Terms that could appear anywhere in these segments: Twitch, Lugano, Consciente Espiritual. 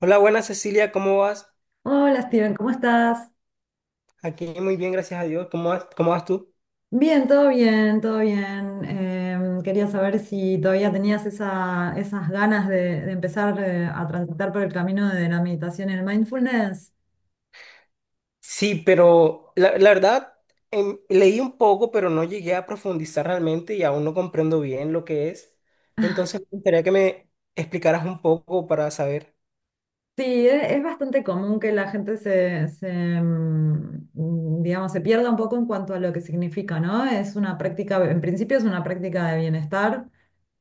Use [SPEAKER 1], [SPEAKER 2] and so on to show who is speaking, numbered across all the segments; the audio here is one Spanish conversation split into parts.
[SPEAKER 1] Hola, buenas Cecilia, ¿cómo vas?
[SPEAKER 2] Hola Steven, ¿cómo estás?
[SPEAKER 1] Aquí muy bien, gracias a Dios. Cómo vas tú?
[SPEAKER 2] Bien, todo bien, todo bien. Quería saber si todavía tenías esas ganas de empezar a transitar por el camino de la meditación y el mindfulness.
[SPEAKER 1] Sí, pero la verdad, leí un poco, pero no llegué a profundizar realmente y aún no comprendo bien lo que es. Entonces, me gustaría que me explicaras un poco para saber
[SPEAKER 2] Sí, es bastante común que la gente se, digamos, se pierda un poco en cuanto a lo que significa, ¿no? Es una práctica, en principio es una práctica de bienestar,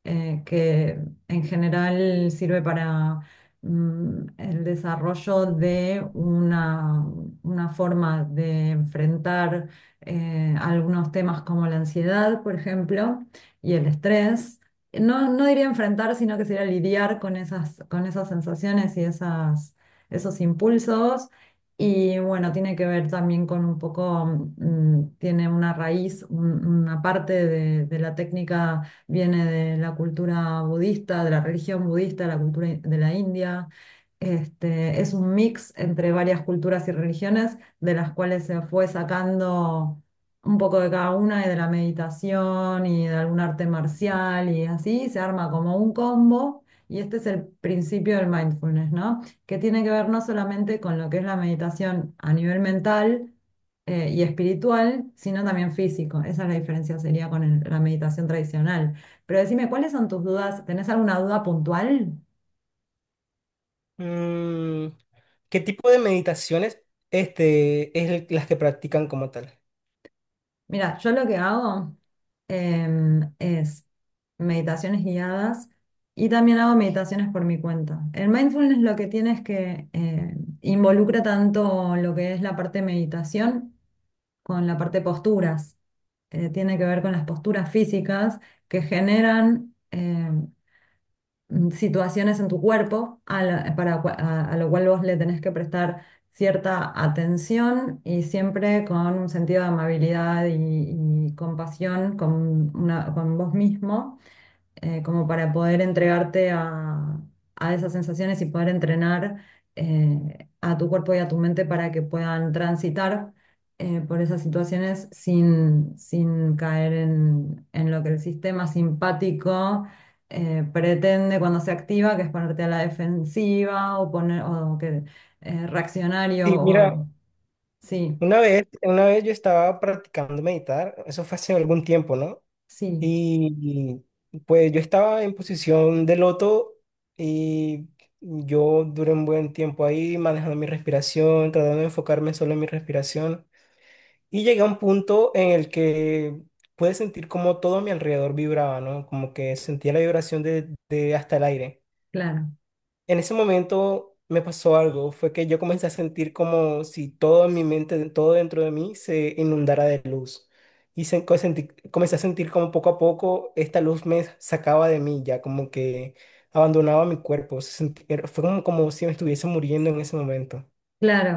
[SPEAKER 2] que en general sirve para el desarrollo de una forma de enfrentar algunos temas como la ansiedad, por ejemplo, y el estrés. No, no diría enfrentar, sino que sería lidiar con esas sensaciones y esas, esos impulsos. Y bueno, tiene que ver también con un poco, tiene una raíz, una parte de la técnica viene de la cultura budista, de la religión budista, de la de la India. Este, es un mix entre varias culturas y religiones, de las cuales se fue sacando un poco de cada una y de la meditación y de algún arte marcial y así, se arma como un combo. Y este es el principio del mindfulness, ¿no? Que tiene que ver no solamente con lo que es la meditación a nivel mental, y espiritual, sino también físico. Esa es la diferencia, sería con la meditación tradicional. Pero decime, ¿cuáles son tus dudas? ¿Tenés alguna duda puntual?
[SPEAKER 1] mm, qué tipo de meditaciones las que practican como tal.
[SPEAKER 2] Mira, yo lo que hago es meditaciones guiadas y también hago meditaciones por mi cuenta. El mindfulness lo que tiene es que involucra tanto lo que es la parte de meditación con la parte de posturas. Tiene que ver con las posturas físicas que generan situaciones en tu cuerpo a, la- para, cua- a lo cual vos le tenés que prestar cierta atención y siempre con un sentido de amabilidad y compasión con vos mismo, como para poder entregarte a esas sensaciones y poder entrenar a tu cuerpo y a tu mente para que puedan transitar por esas situaciones sin, sin caer en lo que el sistema simpático pretende cuando se activa, que es ponerte a la defensiva o poner o que reaccionario
[SPEAKER 1] Sí, mira,
[SPEAKER 2] o sí,
[SPEAKER 1] una vez yo estaba practicando meditar, eso fue hace algún tiempo, ¿no?
[SPEAKER 2] sí,
[SPEAKER 1] Y pues yo estaba en posición de loto y yo duré un buen tiempo ahí manejando mi respiración, tratando de enfocarme solo en mi respiración. Y llegué a un punto en el que pude sentir como todo a mi alrededor vibraba, ¿no? Como que sentía la vibración de hasta el aire.
[SPEAKER 2] claro,
[SPEAKER 1] En ese momento me pasó algo, fue que yo comencé a sentir como si todo en mi mente, todo dentro de mí se inundara de luz. Comencé a sentir como poco a poco esta luz me sacaba de mí, ya como que abandonaba mi cuerpo. Fue como, como si me estuviese muriendo en ese momento.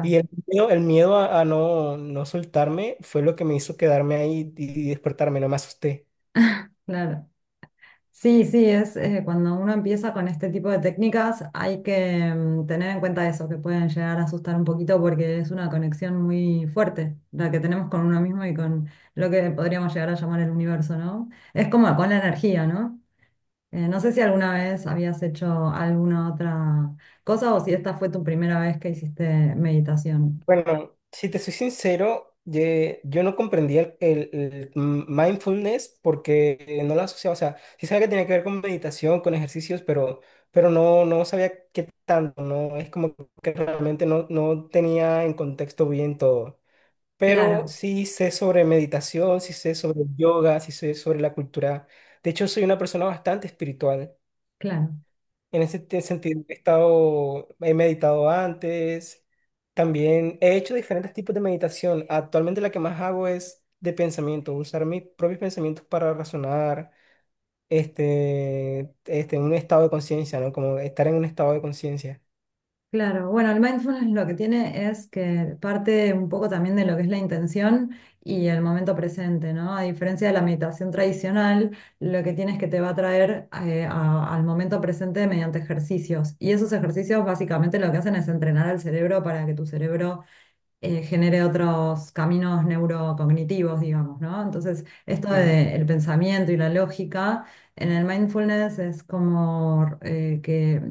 [SPEAKER 1] Y el miedo, el miedo a no soltarme fue lo que me hizo quedarme ahí y despertarme, no me asusté.
[SPEAKER 2] claro. Sí, sí, es cuando uno empieza con este tipo de técnicas hay que tener en cuenta eso, que pueden llegar a asustar un poquito porque es una conexión muy fuerte la que tenemos con uno mismo y con lo que podríamos llegar a llamar el universo, ¿no? Es como con la energía, ¿no? No sé si alguna vez habías hecho alguna otra cosa o si esta fue tu primera vez que hiciste meditación.
[SPEAKER 1] Bueno, si te soy sincero, yo no comprendía el mindfulness porque no lo asociaba, o sea, sí sabía que tenía que ver con meditación, con ejercicios, pero no, no sabía qué tanto, no, es como que realmente no, no tenía en contexto bien todo. Pero
[SPEAKER 2] Claro,
[SPEAKER 1] sí sé sobre meditación, sí sé sobre yoga, sí sé sobre la cultura. De hecho, soy una persona bastante espiritual.
[SPEAKER 2] claro.
[SPEAKER 1] En ese sentido, he meditado antes, también he hecho diferentes tipos de meditación. Actualmente la que más hago es de pensamiento, usar mis propios pensamientos para razonar, en un estado de conciencia, ¿no? Como estar en un estado de conciencia.
[SPEAKER 2] Claro, bueno, el mindfulness lo que tiene es que parte un poco también de lo que es la intención y el momento presente, ¿no? A diferencia de la meditación tradicional, lo que tiene es que te va a traer al momento presente mediante ejercicios. Y esos ejercicios básicamente lo que hacen es entrenar al cerebro para que tu cerebro genere otros caminos neurocognitivos, digamos, ¿no? Entonces, esto
[SPEAKER 1] Ujú.
[SPEAKER 2] del pensamiento y la lógica en el mindfulness es como que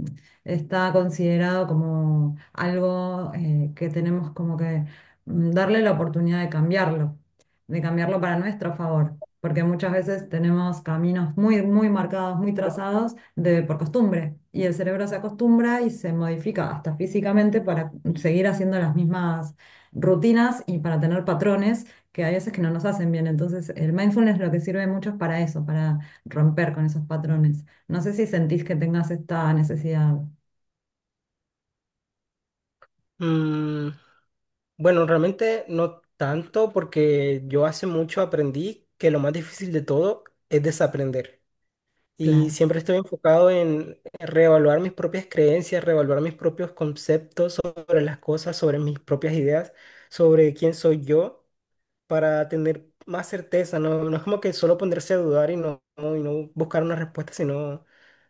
[SPEAKER 2] está considerado como algo que tenemos como que darle la oportunidad de cambiarlo para nuestro favor. Porque muchas veces tenemos caminos muy, muy marcados, muy trazados de, por costumbre. Y el cerebro se acostumbra y se modifica hasta físicamente para seguir haciendo las mismas rutinas y para tener patrones que hay veces que no nos hacen bien. Entonces, el mindfulness lo que sirve mucho es para eso, para romper con esos patrones. No sé si sentís que tengas esta necesidad.
[SPEAKER 1] Mm, bueno, realmente no tanto porque yo hace mucho aprendí que lo más difícil de todo es desaprender. Y
[SPEAKER 2] Claro.
[SPEAKER 1] siempre estoy enfocado en reevaluar mis propias creencias, reevaluar mis propios conceptos sobre las cosas, sobre mis propias ideas, sobre quién soy yo, para tener más certeza. No, no es como que solo ponerse a dudar y no buscar una respuesta, sino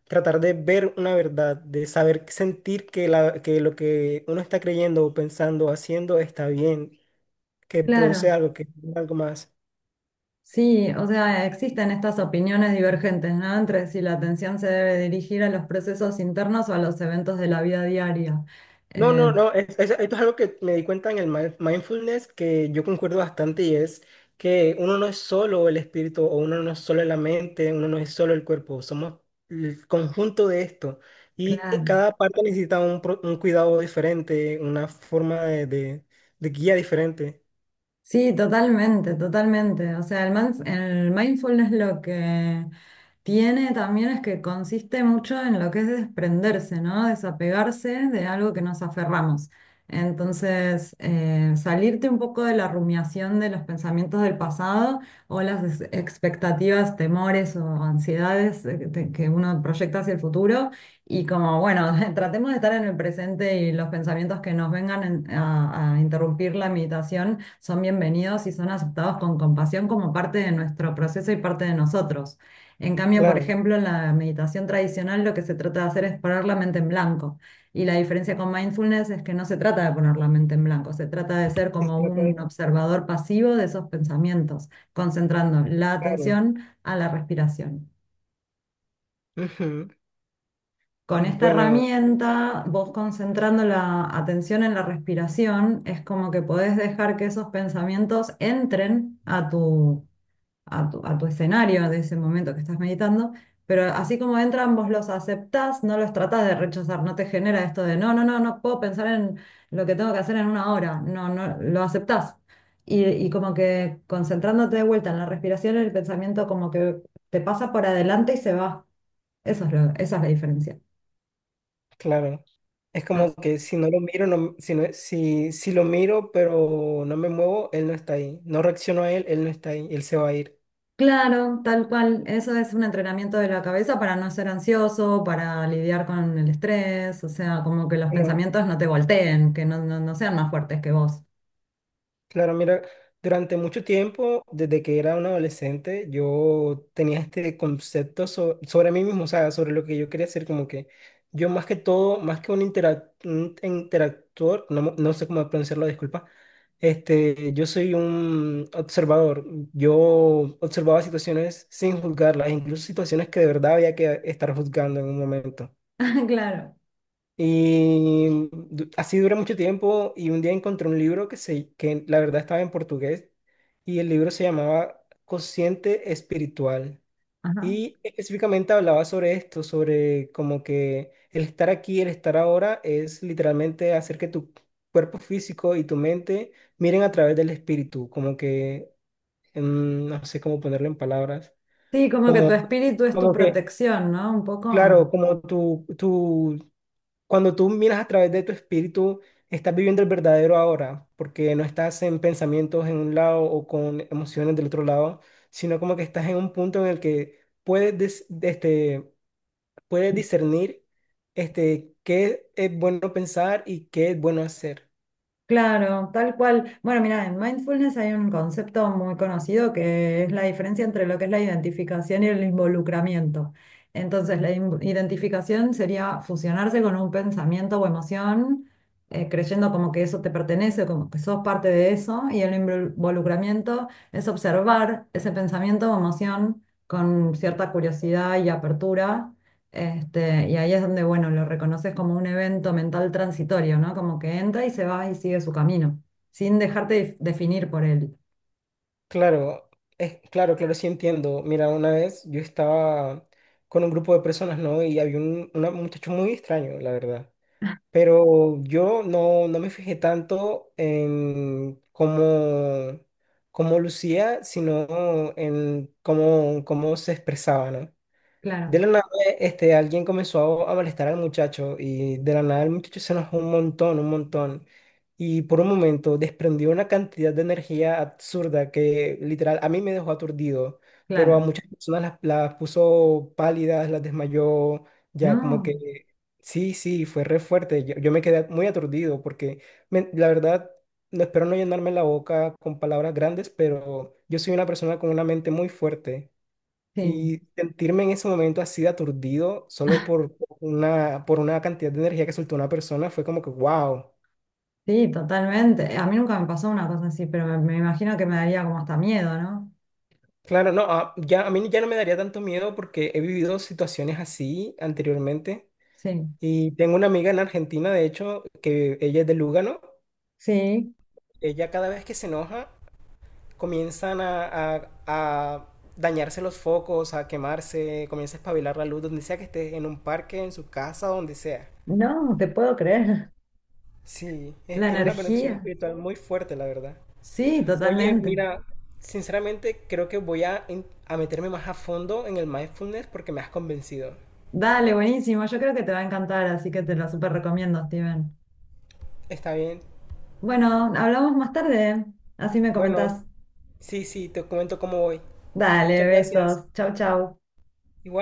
[SPEAKER 1] tratar de ver una verdad, de saber sentir que lo que uno está creyendo o pensando o haciendo está bien, que produce
[SPEAKER 2] Claro.
[SPEAKER 1] algo, que es algo más.
[SPEAKER 2] Sí, o sea, existen estas opiniones divergentes, ¿no? Entre si la atención se debe dirigir a los procesos internos o a los eventos de la vida diaria.
[SPEAKER 1] No,
[SPEAKER 2] Eh,
[SPEAKER 1] no, no, esto es algo que me di cuenta en el mindfulness que yo concuerdo bastante y es que uno no es solo el espíritu o uno no es solo la mente, uno no es solo el cuerpo, somos el conjunto de esto y
[SPEAKER 2] claro.
[SPEAKER 1] cada parte necesita un cuidado diferente, una forma de guía diferente.
[SPEAKER 2] Sí, totalmente, totalmente. O sea, el mindfulness lo que tiene también es que consiste mucho en lo que es desprenderse, ¿no? Desapegarse de algo que nos aferramos. Entonces, salirte un poco de la rumiación de los pensamientos del pasado o las expectativas, temores o ansiedades que uno proyecta hacia el futuro y como, bueno, tratemos de estar en el presente y los pensamientos que nos vengan a interrumpir la meditación son bienvenidos y son aceptados con compasión como parte de nuestro proceso y parte de nosotros. En cambio, por
[SPEAKER 1] Claro.
[SPEAKER 2] ejemplo, en la meditación tradicional lo que se trata de hacer es poner la mente en blanco. Y la diferencia con mindfulness es que no se trata de poner la mente en blanco, se trata de ser
[SPEAKER 1] Sí,
[SPEAKER 2] como
[SPEAKER 1] sí, pues,
[SPEAKER 2] un observador pasivo de esos pensamientos, concentrando la
[SPEAKER 1] claro.
[SPEAKER 2] atención a la respiración.
[SPEAKER 1] Ujú.
[SPEAKER 2] Con esta
[SPEAKER 1] Bueno.
[SPEAKER 2] herramienta, vos concentrando la atención en la respiración, es como que podés dejar que esos pensamientos entren a tu escenario de ese momento que estás meditando, pero así como entran, vos los aceptás, no los tratás de rechazar, no te genera esto de no, no, no, no puedo pensar en lo que tengo que hacer en una hora, no, no, lo aceptás. Y como que concentrándote de vuelta en la respiración, el pensamiento como que te pasa por adelante y se va. Eso es esa es la diferencia.
[SPEAKER 1] Claro. Es como que si no lo miro, si lo miro, pero no me muevo, él no está ahí. No reacciono a él, él no está ahí, él se va a
[SPEAKER 2] Claro, tal cual. Eso es un entrenamiento de la cabeza para no ser ansioso, para lidiar con el estrés, o sea, como que los
[SPEAKER 1] ir.
[SPEAKER 2] pensamientos no te volteen, que no, no, no sean más fuertes que vos.
[SPEAKER 1] Claro, mira, durante mucho tiempo, desde que era un adolescente, yo tenía este concepto sobre mí mismo, o sea, sobre lo que yo quería ser, como que yo más que todo, más que un interactor, no sé cómo pronunciarlo, disculpa, este, yo soy un observador, yo observaba situaciones sin juzgarlas, incluso situaciones que de verdad había que estar juzgando en un momento.
[SPEAKER 2] Claro.
[SPEAKER 1] Y así duré mucho tiempo y un día encontré un libro que la verdad estaba en portugués y el libro se llamaba Consciente Espiritual.
[SPEAKER 2] Ajá.
[SPEAKER 1] Y específicamente hablaba sobre esto, sobre como que el estar aquí, el estar ahora es literalmente hacer que tu cuerpo físico y tu mente miren a través del espíritu, como que, no sé cómo ponerlo en palabras,
[SPEAKER 2] Sí, como que tu
[SPEAKER 1] como,
[SPEAKER 2] espíritu es tu
[SPEAKER 1] como que,
[SPEAKER 2] protección, ¿no? Un poco.
[SPEAKER 1] claro, como cuando tú miras a través de tu espíritu, estás viviendo el verdadero ahora, porque no estás en pensamientos en un lado o con emociones del otro lado, sino como que estás en un punto en el que este, puedes discernir este, qué es bueno pensar y qué es bueno hacer.
[SPEAKER 2] Claro, tal cual. Bueno, mira, en mindfulness hay un concepto muy conocido que es la diferencia entre lo que es la identificación y el involucramiento. Entonces, la identificación sería fusionarse con un pensamiento o emoción, creyendo como que eso te pertenece, como que sos parte de eso, y el involucramiento es observar ese pensamiento o emoción con cierta curiosidad y apertura este, y ahí es donde, bueno, lo reconoces como un evento mental transitorio, ¿no? Como que entra y se va y sigue su camino, sin dejarte definir por él.
[SPEAKER 1] Claro, es, claro, claro, sí entiendo. Mira, una vez yo estaba con un grupo de personas, ¿no? Y había un muchacho muy extraño, la verdad. Pero yo no, no me fijé tanto en cómo, cómo lucía, sino en cómo, cómo se expresaba, ¿no? De
[SPEAKER 2] Claro,
[SPEAKER 1] la nada, este, alguien comenzó a molestar al muchacho y de la nada el muchacho se enojó un montón, un montón. Y por un momento desprendió una cantidad de energía absurda que literal a mí me dejó aturdido, pero a
[SPEAKER 2] claro.
[SPEAKER 1] muchas personas las puso pálidas, las desmayó, ya como
[SPEAKER 2] No,
[SPEAKER 1] que sí, sí, fue re fuerte. Yo me quedé muy aturdido porque la verdad, no espero no llenarme la boca con palabras grandes, pero yo soy una persona con una mente muy fuerte.
[SPEAKER 2] sí,
[SPEAKER 1] Y sentirme en ese momento así de aturdido solo por por una cantidad de energía que soltó una persona fue como que, wow.
[SPEAKER 2] sí, totalmente. A mí nunca me pasó una cosa así, pero me imagino que me daría como hasta miedo, ¿no?
[SPEAKER 1] Claro, no, a- ya, a mí ya no me daría tanto miedo porque he vivido situaciones así anteriormente.
[SPEAKER 2] Sí,
[SPEAKER 1] Y tengo una amiga en Argentina, de hecho, que ella es de Lugano.
[SPEAKER 2] sí.
[SPEAKER 1] Ella cada vez que se enoja, comienzan a dañarse los focos, a quemarse, comienza a espabilar la luz, donde sea que esté, en un parque, en su casa, donde sea.
[SPEAKER 2] No, te puedo creer.
[SPEAKER 1] Sí,
[SPEAKER 2] La
[SPEAKER 1] tiene una conexión
[SPEAKER 2] energía.
[SPEAKER 1] espiritual muy fuerte, la verdad.
[SPEAKER 2] Sí,
[SPEAKER 1] Oye,
[SPEAKER 2] totalmente.
[SPEAKER 1] mira, sinceramente creo que voy a meterme más a fondo en el mindfulness porque me has convencido.
[SPEAKER 2] Dale, buenísimo. Yo creo que te va a encantar, así que te lo súper recomiendo, Steven.
[SPEAKER 1] Está bien.
[SPEAKER 2] Bueno, hablamos más tarde. Así me
[SPEAKER 1] Bueno,
[SPEAKER 2] comentás.
[SPEAKER 1] sí, sí, te comento cómo voy.
[SPEAKER 2] Dale,
[SPEAKER 1] Muchas gracias.
[SPEAKER 2] besos. Chau, chau.
[SPEAKER 1] Igual.